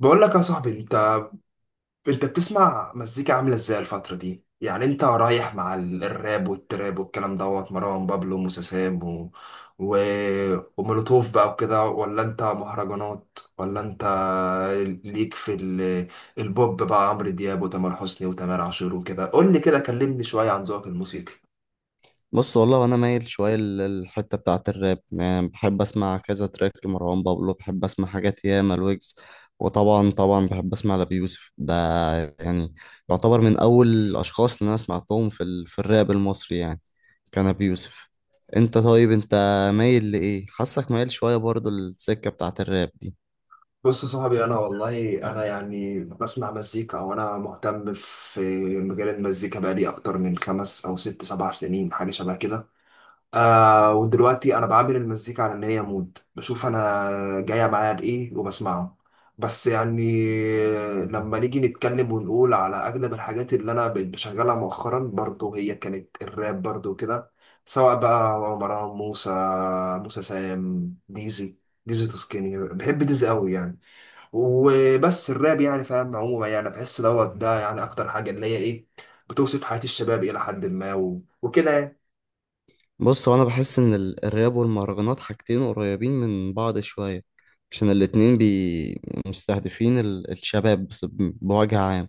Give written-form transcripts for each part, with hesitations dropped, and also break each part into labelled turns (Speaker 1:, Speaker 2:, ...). Speaker 1: بقول لك يا صاحبي، انت بتسمع مزيكا عامله ازاي الفتره دي؟ يعني انت رايح مع الراب والتراب والكلام دوت مروان بابلو وموسيسام و... ومولوتوف بقى وكده، ولا انت مهرجانات، ولا انت ليك في البوب بقى، عمرو دياب وتامر حسني وتامر عاشور وكده؟ قول لي كده، كلمني شويه عن ذوقك الموسيقي.
Speaker 2: بص، والله انا مايل شويه للحته بتاعه الراب. يعني بحب اسمع كذا تراك لمروان بابلو، بحب اسمع حاجات ياما الويجز، وطبعا بحب اسمع لأبي يوسف ده. يعني يعتبر من اول الاشخاص اللي انا سمعتهم في الراب المصري، يعني كان ابي يوسف. انت طيب، انت مايل لايه؟ حاسك مايل شويه برضو للسكه بتاعه الراب دي.
Speaker 1: بص يا صاحبي، والله انا يعني بسمع مزيكا وانا مهتم في مجال المزيكا بقالي اكتر من خمس او ست سبع سنين، حاجه شبه كده. ودلوقتي انا بعامل المزيكا على ان هي مود، بشوف انا جايه معايا بايه وبسمعه. بس يعني لما نيجي نتكلم ونقول على اغلب الحاجات اللي انا بقيت بشغلها مؤخرا، برضه هي كانت الراب برضه كده، سواء بقى مروان موسى، موسى سام، ديزي تسكيني، بحب ديزي قوي يعني. وبس الراب يعني، فاهم، عموما يعني بحس دوت ده يعني اكتر حاجه اللي هي ايه، بتوصف حياه الشباب الى حد ما، وكده يعني.
Speaker 2: بص، هو انا بحس ان الراب والمهرجانات حاجتين قريبين من بعض شويه، عشان الاتنين مستهدفين الشباب بوجه عام.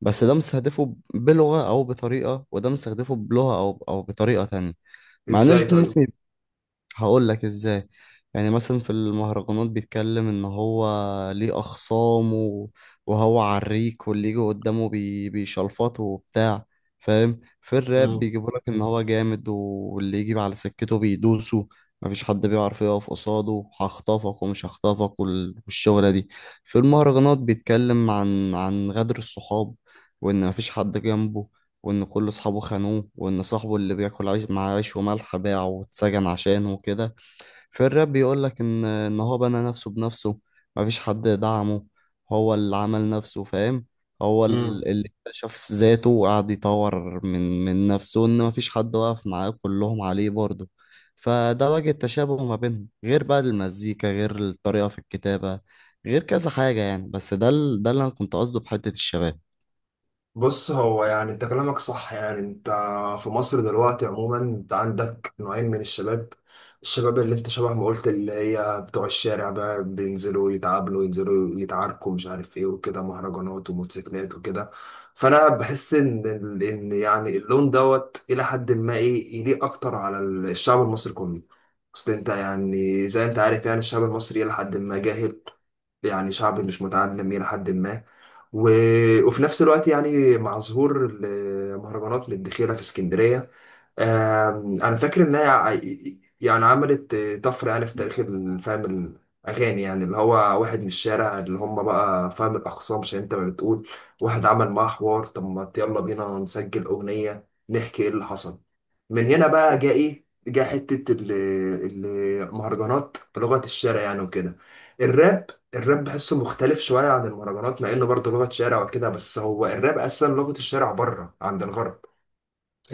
Speaker 2: بس ده مستهدفه بلغه او بطريقه، وده مستهدفه بلغه او بطريقه تانية. مع ان
Speaker 1: ازاي
Speaker 2: الاتنين
Speaker 1: طيب؟
Speaker 2: ممكن، هقول لك ازاي. يعني مثلا في المهرجانات بيتكلم ان هو ليه اخصام وهو عريك واللي يجي قدامه بيشلفطه وبتاع، فاهم. في الراب بيجيبوا لك ان هو جامد، واللي يجي على سكته بيدوسه، مفيش حد بيعرف يقف قصاده، هخطفك ومش هخطفك والشغلة دي. في المهرجانات بيتكلم عن غدر الصحاب، وان مفيش حد جنبه، وإن كل أصحابه خانوه، وإن صاحبه اللي بياكل عيش مع عيش وملح باعه واتسجن عشانه وكده. في الراب بيقولك إن هو بنى نفسه بنفسه، مفيش حد دعمه، هو اللي عمل نفسه، فاهم. هو
Speaker 1: مم.
Speaker 2: اللي اكتشف ذاته وقعد يطور من نفسه، إن مفيش حد واقف معاه، كلهم عليه برضه. فده وجه التشابه ما بينهم، غير بقى المزيكا، غير الطريقة في الكتابة، غير كذا حاجة يعني. بس ده ده اللي أنا كنت قصده بحتة الشباب.
Speaker 1: بص هو يعني، انت كلامك صح يعني. انت في مصر دلوقتي عموما انت عندك نوعين من الشباب، الشباب اللي انت شبه ما قلت، اللي هي بتوع الشارع بقى، بينزلوا يتعاملوا ينزلوا يتعاركوا، مش عارف ايه وكده، مهرجانات وموتوسيكلات وكده. فانا بحس ان يعني اللون دوت الى حد ما ايه، يليق اكتر على الشعب المصري كله. اصل انت يعني زي انت عارف يعني، الشعب المصري الى حد ما جاهل، يعني شعب مش متعلم إلى حد ما. و... وفي نفس الوقت يعني، مع ظهور المهرجانات للدخيلة في اسكندرية، أنا فاكر إنها يعني عملت طفرة يعني في تاريخ فاهم الأغاني، يعني اللي هو واحد من الشارع، اللي هم بقى فاهم الأخصام، عشان أنت ما بتقول واحد عمل معاه حوار، طب ما يلا بينا نسجل أغنية نحكي إيه اللي حصل. من هنا بقى جاء ايه، جاء حتة المهرجانات بلغة الشارع يعني وكده. الراب، بحسه مختلف شوية عن المهرجانات، مع انه برضه لغة شارع وكده، بس هو الراب اصلا لغة الشارع بره عند الغرب.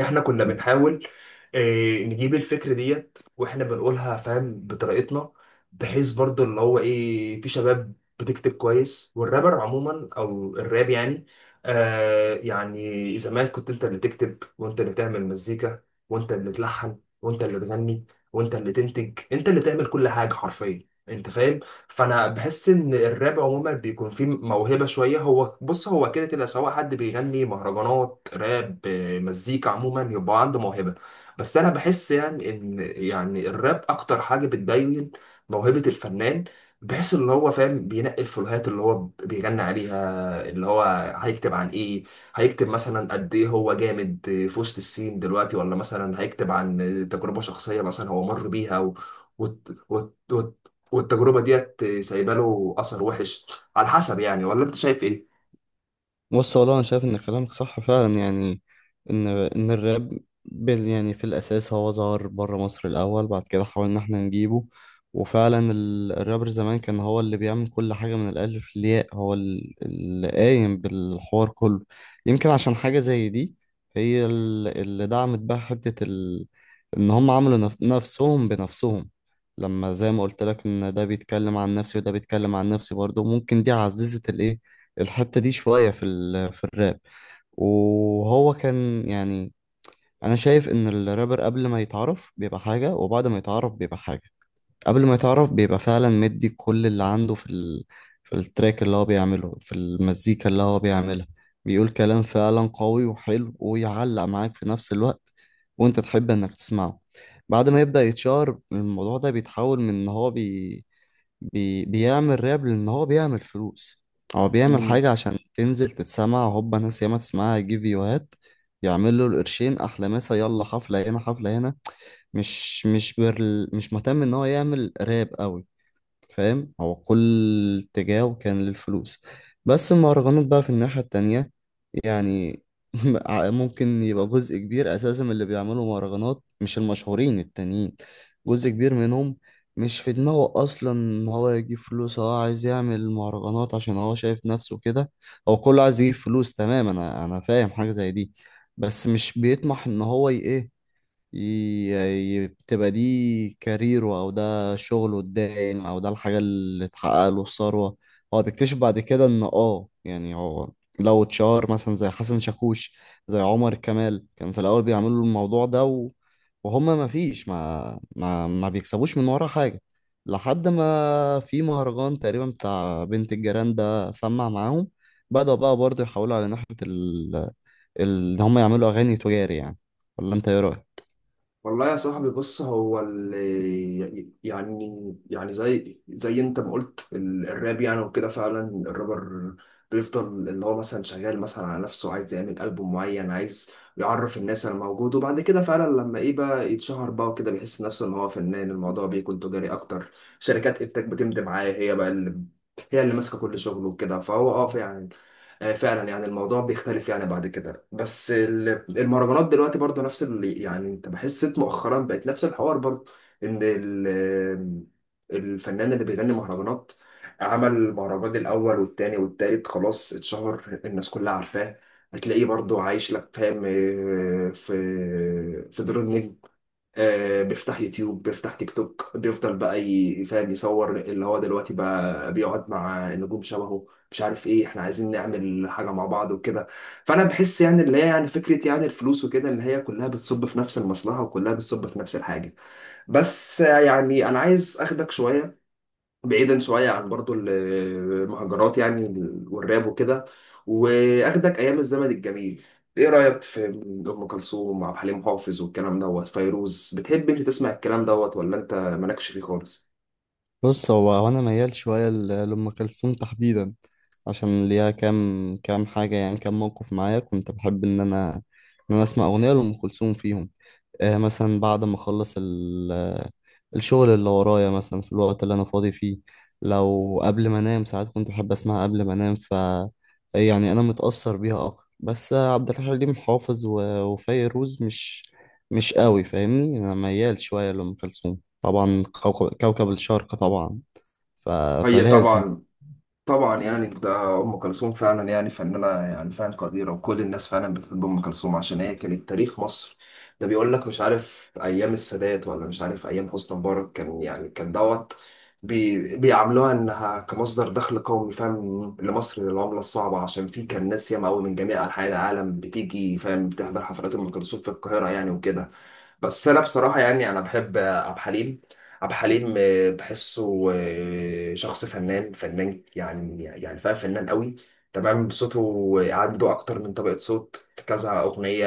Speaker 1: احنا كنا بنحاول نجيب الفكرة ديت واحنا بنقولها، فاهم، بطريقتنا. بحيث برضو اللي هو ايه، في شباب بتكتب كويس، والرابر عموما او الراب يعني، يعني زمان كنت انت اللي تكتب وانت اللي تعمل مزيكا وانت اللي تلحن وانت اللي تغني وانت اللي تنتج، انت اللي تعمل كل حاجة حرفيا، انت فاهم. فانا بحس ان الراب عموما بيكون فيه موهبه شويه. هو بص، هو كده كده سواء حد بيغني مهرجانات راب مزيكا عموما، يبقى عنده موهبه، بس انا بحس يعني ان يعني الراب اكتر حاجه بتبين موهبه الفنان، بحيث اللي هو فاهم بينقي الفلوهات اللي هو بيغني عليها، اللي هو هيكتب عن ايه، هيكتب مثلا قد ايه هو جامد في وسط السين دلوقتي، ولا مثلا هيكتب عن تجربة شخصية مثلا هو مر بيها و... وت... وت... وت... والتجربه ديت سايبه له اثر وحش، على حسب يعني. ولا انت شايف ايه؟
Speaker 2: بص، والله انا شايف ان كلامك صح فعلا. يعني ان الراب يعني في الاساس هو ظهر بره مصر الاول، بعد كده حاولنا احنا نجيبه. وفعلا الرابر زمان كان هو اللي بيعمل كل حاجه من الالف للياء، هو اللي قايم بالحوار كله. يمكن عشان حاجه زي دي هي اللي دعمت بقى حته ان هم عملوا نفسهم بنفسهم. لما زي ما قلت لك ان ده بيتكلم عن نفسي وده بيتكلم عن نفسي برضه، ممكن دي عززت الايه، الحتة دي شوية في الراب. وهو كان يعني، أنا شايف إن الرابر قبل ما يتعرف بيبقى حاجة، وبعد ما يتعرف بيبقى حاجة. قبل ما يتعرف بيبقى فعلا مدي كل اللي عنده في التراك اللي هو بيعمله، في المزيكا اللي هو بيعملها. بيقول كلام فعلا قوي وحلو ويعلق معاك في نفس الوقت، وأنت تحب إنك تسمعه. بعد ما يبدأ يتشهر، الموضوع ده بيتحول من إن هو بي... بي بيعمل راب، لأن هو بيعمل فلوس. هو بيعمل حاجة عشان تنزل تتسمع، هوبا ناس ياما تسمعها، يجيب فيوهات، يعمل له القرشين، أحلى مسا يلا حفلة هنا حفلة هنا. مش برل، مش مهتم إن هو يعمل راب قوي، فاهم. هو كل اتجاهه كان للفلوس. بس المهرجانات بقى في الناحية التانية، يعني، ممكن يبقى جزء كبير اساسا من اللي بيعملوا مهرجانات، مش المشهورين التانيين، جزء كبير منهم مش في دماغه اصلا ان هو يجيب فلوس. هو عايز يعمل مهرجانات عشان هو شايف نفسه كده، هو كله عايز يجيب فلوس، تمام، انا فاهم حاجة زي دي. بس مش بيطمح ان هو ي- بتبقى دي كاريره، او ده شغله الدائم، او ده الحاجة اللي اتحقق له الثروة. هو بيكتشف بعد كده ان، اه، يعني هو لو اتشهر مثلا زي حسن شاكوش، زي عمر كمال، كان في الاول بيعملوا الموضوع ده، و... وهما ما فيش ما ما ما بيكسبوش من ورا حاجة، لحد ما في مهرجان تقريبا بتاع بنت الجيران ده سمع معاهم، بدأوا بقى برضه يحاولوا على ناحية ان هما يعملوا اغاني تجاري، يعني. ولا انت ايه رأيك؟
Speaker 1: والله يا صاحبي، بص هو يعني، يعني زي انت ما قلت، الراب يعني وكده فعلا، الرابر بيفضل اللي هو مثلا شغال مثلا على نفسه، عايز يعمل ألبوم معين، عايز يعرف الناس انا موجود، وبعد كده فعلا لما ايه بقى يتشهر بقى وكده، بيحس نفسه ان هو فنان، الموضوع بيكون تجاري اكتر. شركات انتاج بتمضي معاه، هي بقى اللي ماسكه كل شغله وكده. فهو يعني فعلا يعني الموضوع بيختلف يعني بعد كده. بس المهرجانات دلوقتي برضو نفس يعني، انت بحس مؤخرا بقت نفس الحوار برضو، ان الفنان اللي بيغني مهرجانات، عمل مهرجان الاول والتاني والتالت، خلاص اتشهر، الناس كلها عارفاه، هتلاقيه برضو عايش لك، فاهم، في دور النجم. بيفتح يوتيوب، بيفتح تيك توك، بيفضل بقى فاهم يصور اللي هو دلوقتي بقى بيقعد مع نجوم شبهه، مش عارف ايه، احنا عايزين نعمل حاجة مع بعض وكده. فانا بحس يعني اللي هي يعني فكرة يعني الفلوس وكده، اللي هي كلها بتصب في نفس المصلحة، وكلها بتصب في نفس الحاجة. بس يعني انا عايز اخدك شوية، بعيدا شوية عن برضو المهجرات يعني، والراب وكده، وأخدك أيام الزمن الجميل. إيه رأيك في أم كلثوم وعبد الحليم حافظ والكلام دوت فيروز؟ بتحب أنت تسمع الكلام دوت، ولا أنت مالكش فيه خالص؟
Speaker 2: بص، هو انا ميال شويه لام كلثوم تحديدا، عشان ليها كام حاجه، يعني كام موقف معايا كنت بحب ان انا ان انا اسمع اغنيه لام كلثوم فيهم. آه، مثلا بعد ما اخلص الشغل اللي ورايا، مثلا في الوقت اللي انا فاضي فيه، لو قبل ما انام ساعات كنت بحب اسمعها قبل ما انام. ف يعني انا متاثر بيها اكتر، بس عبد الحليم حافظ وفيروز مش قوي، فاهمني. انا ميال شويه لام كلثوم طبعا، كوكب الشرق طبعا. ف...
Speaker 1: هي
Speaker 2: فلازم
Speaker 1: طبعا يعني ده ام كلثوم، فعلا يعني فنانه يعني فعلا قديره، وكل الناس فعلا بتحب ام كلثوم عشان هي كانت تاريخ مصر. ده بيقول لك مش عارف ايام السادات، ولا مش عارف ايام حسني مبارك، كان يعني كان دوت بيعاملوها انها كمصدر دخل قومي، فاهم، لمصر، للعمله الصعبه، عشان في كان ناس ياما قوي من جميع انحاء العالم بتيجي، فاهم، بتحضر حفلات ام كلثوم في القاهره يعني وكده. بس انا بصراحه يعني انا بحب عبد الحليم بحسه شخص فنان، فنان يعني، يعني فاهم، فنان قوي تمام. صوته عنده اكتر من طبقه صوت في كذا اغنيه،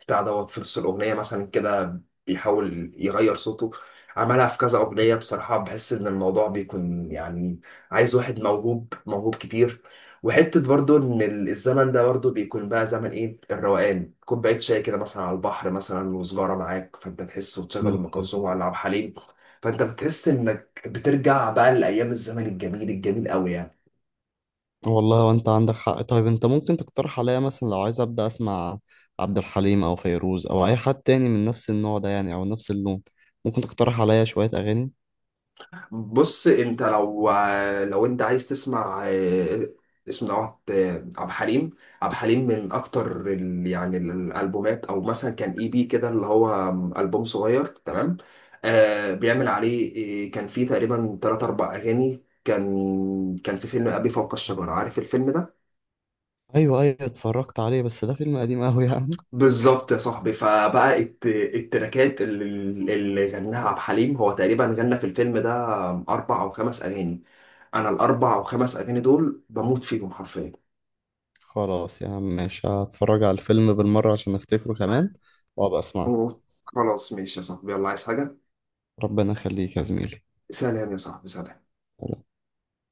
Speaker 1: بتاع دوت في نص الأغنية مثلا كده بيحاول يغير صوته، عملها في كذا أغنية. بصراحة بحس إن الموضوع بيكون يعني عايز واحد موهوب، موهوب كتير. وحتة برضو إن الزمن ده برضو بيكون بقى زمن إيه الروقان، كوباية شاي كده مثلا على البحر مثلا وسجارة معاك، فأنت تحس وتشغل أم
Speaker 2: نوصل.
Speaker 1: كلثوم ولا عبد الحليم، فأنت بتحس إنك بترجع بقى لأيام الزمن الجميل، الجميل قوي يعني.
Speaker 2: والله وانت عندك حق. طيب انت ممكن تقترح عليا مثلا، لو عايز ابدا اسمع عبد الحليم او فيروز او اي حد تاني من نفس النوع ده، يعني او نفس اللون، ممكن تقترح عليا شوية اغاني؟
Speaker 1: بص انت لو انت عايز تسمع، اسم نوع، آه، عبد الحليم عبد الحليم من اكتر يعني الالبومات، او مثلا كان اي بي كده اللي هو البوم صغير تمام. بيعمل عليه كان فيه تقريبا 3 4 اغاني. كان في فيلم ابي فوق الشجره، عارف الفيلم ده؟
Speaker 2: ايوه ايوه، اتفرجت عليه، بس ده فيلم قديم قوي يا عم.
Speaker 1: بالظبط يا صاحبي، فبقى التراكات اللي غناها عبد الحليم، هو تقريبا غنى في الفيلم ده 4 أو 5 اغاني، انا ال4 أو 5 اغاني دول بموت فيهم حرفيا.
Speaker 2: خلاص يا عم ماشي، هتفرج على الفيلم بالمرة عشان افتكره كمان، وابقى اسمعه.
Speaker 1: أوه. خلاص ماشي يا صاحبي، يلا عايز حاجه؟
Speaker 2: ربنا يخليك يا زميلي.
Speaker 1: سلام يا صاحبي، سلام.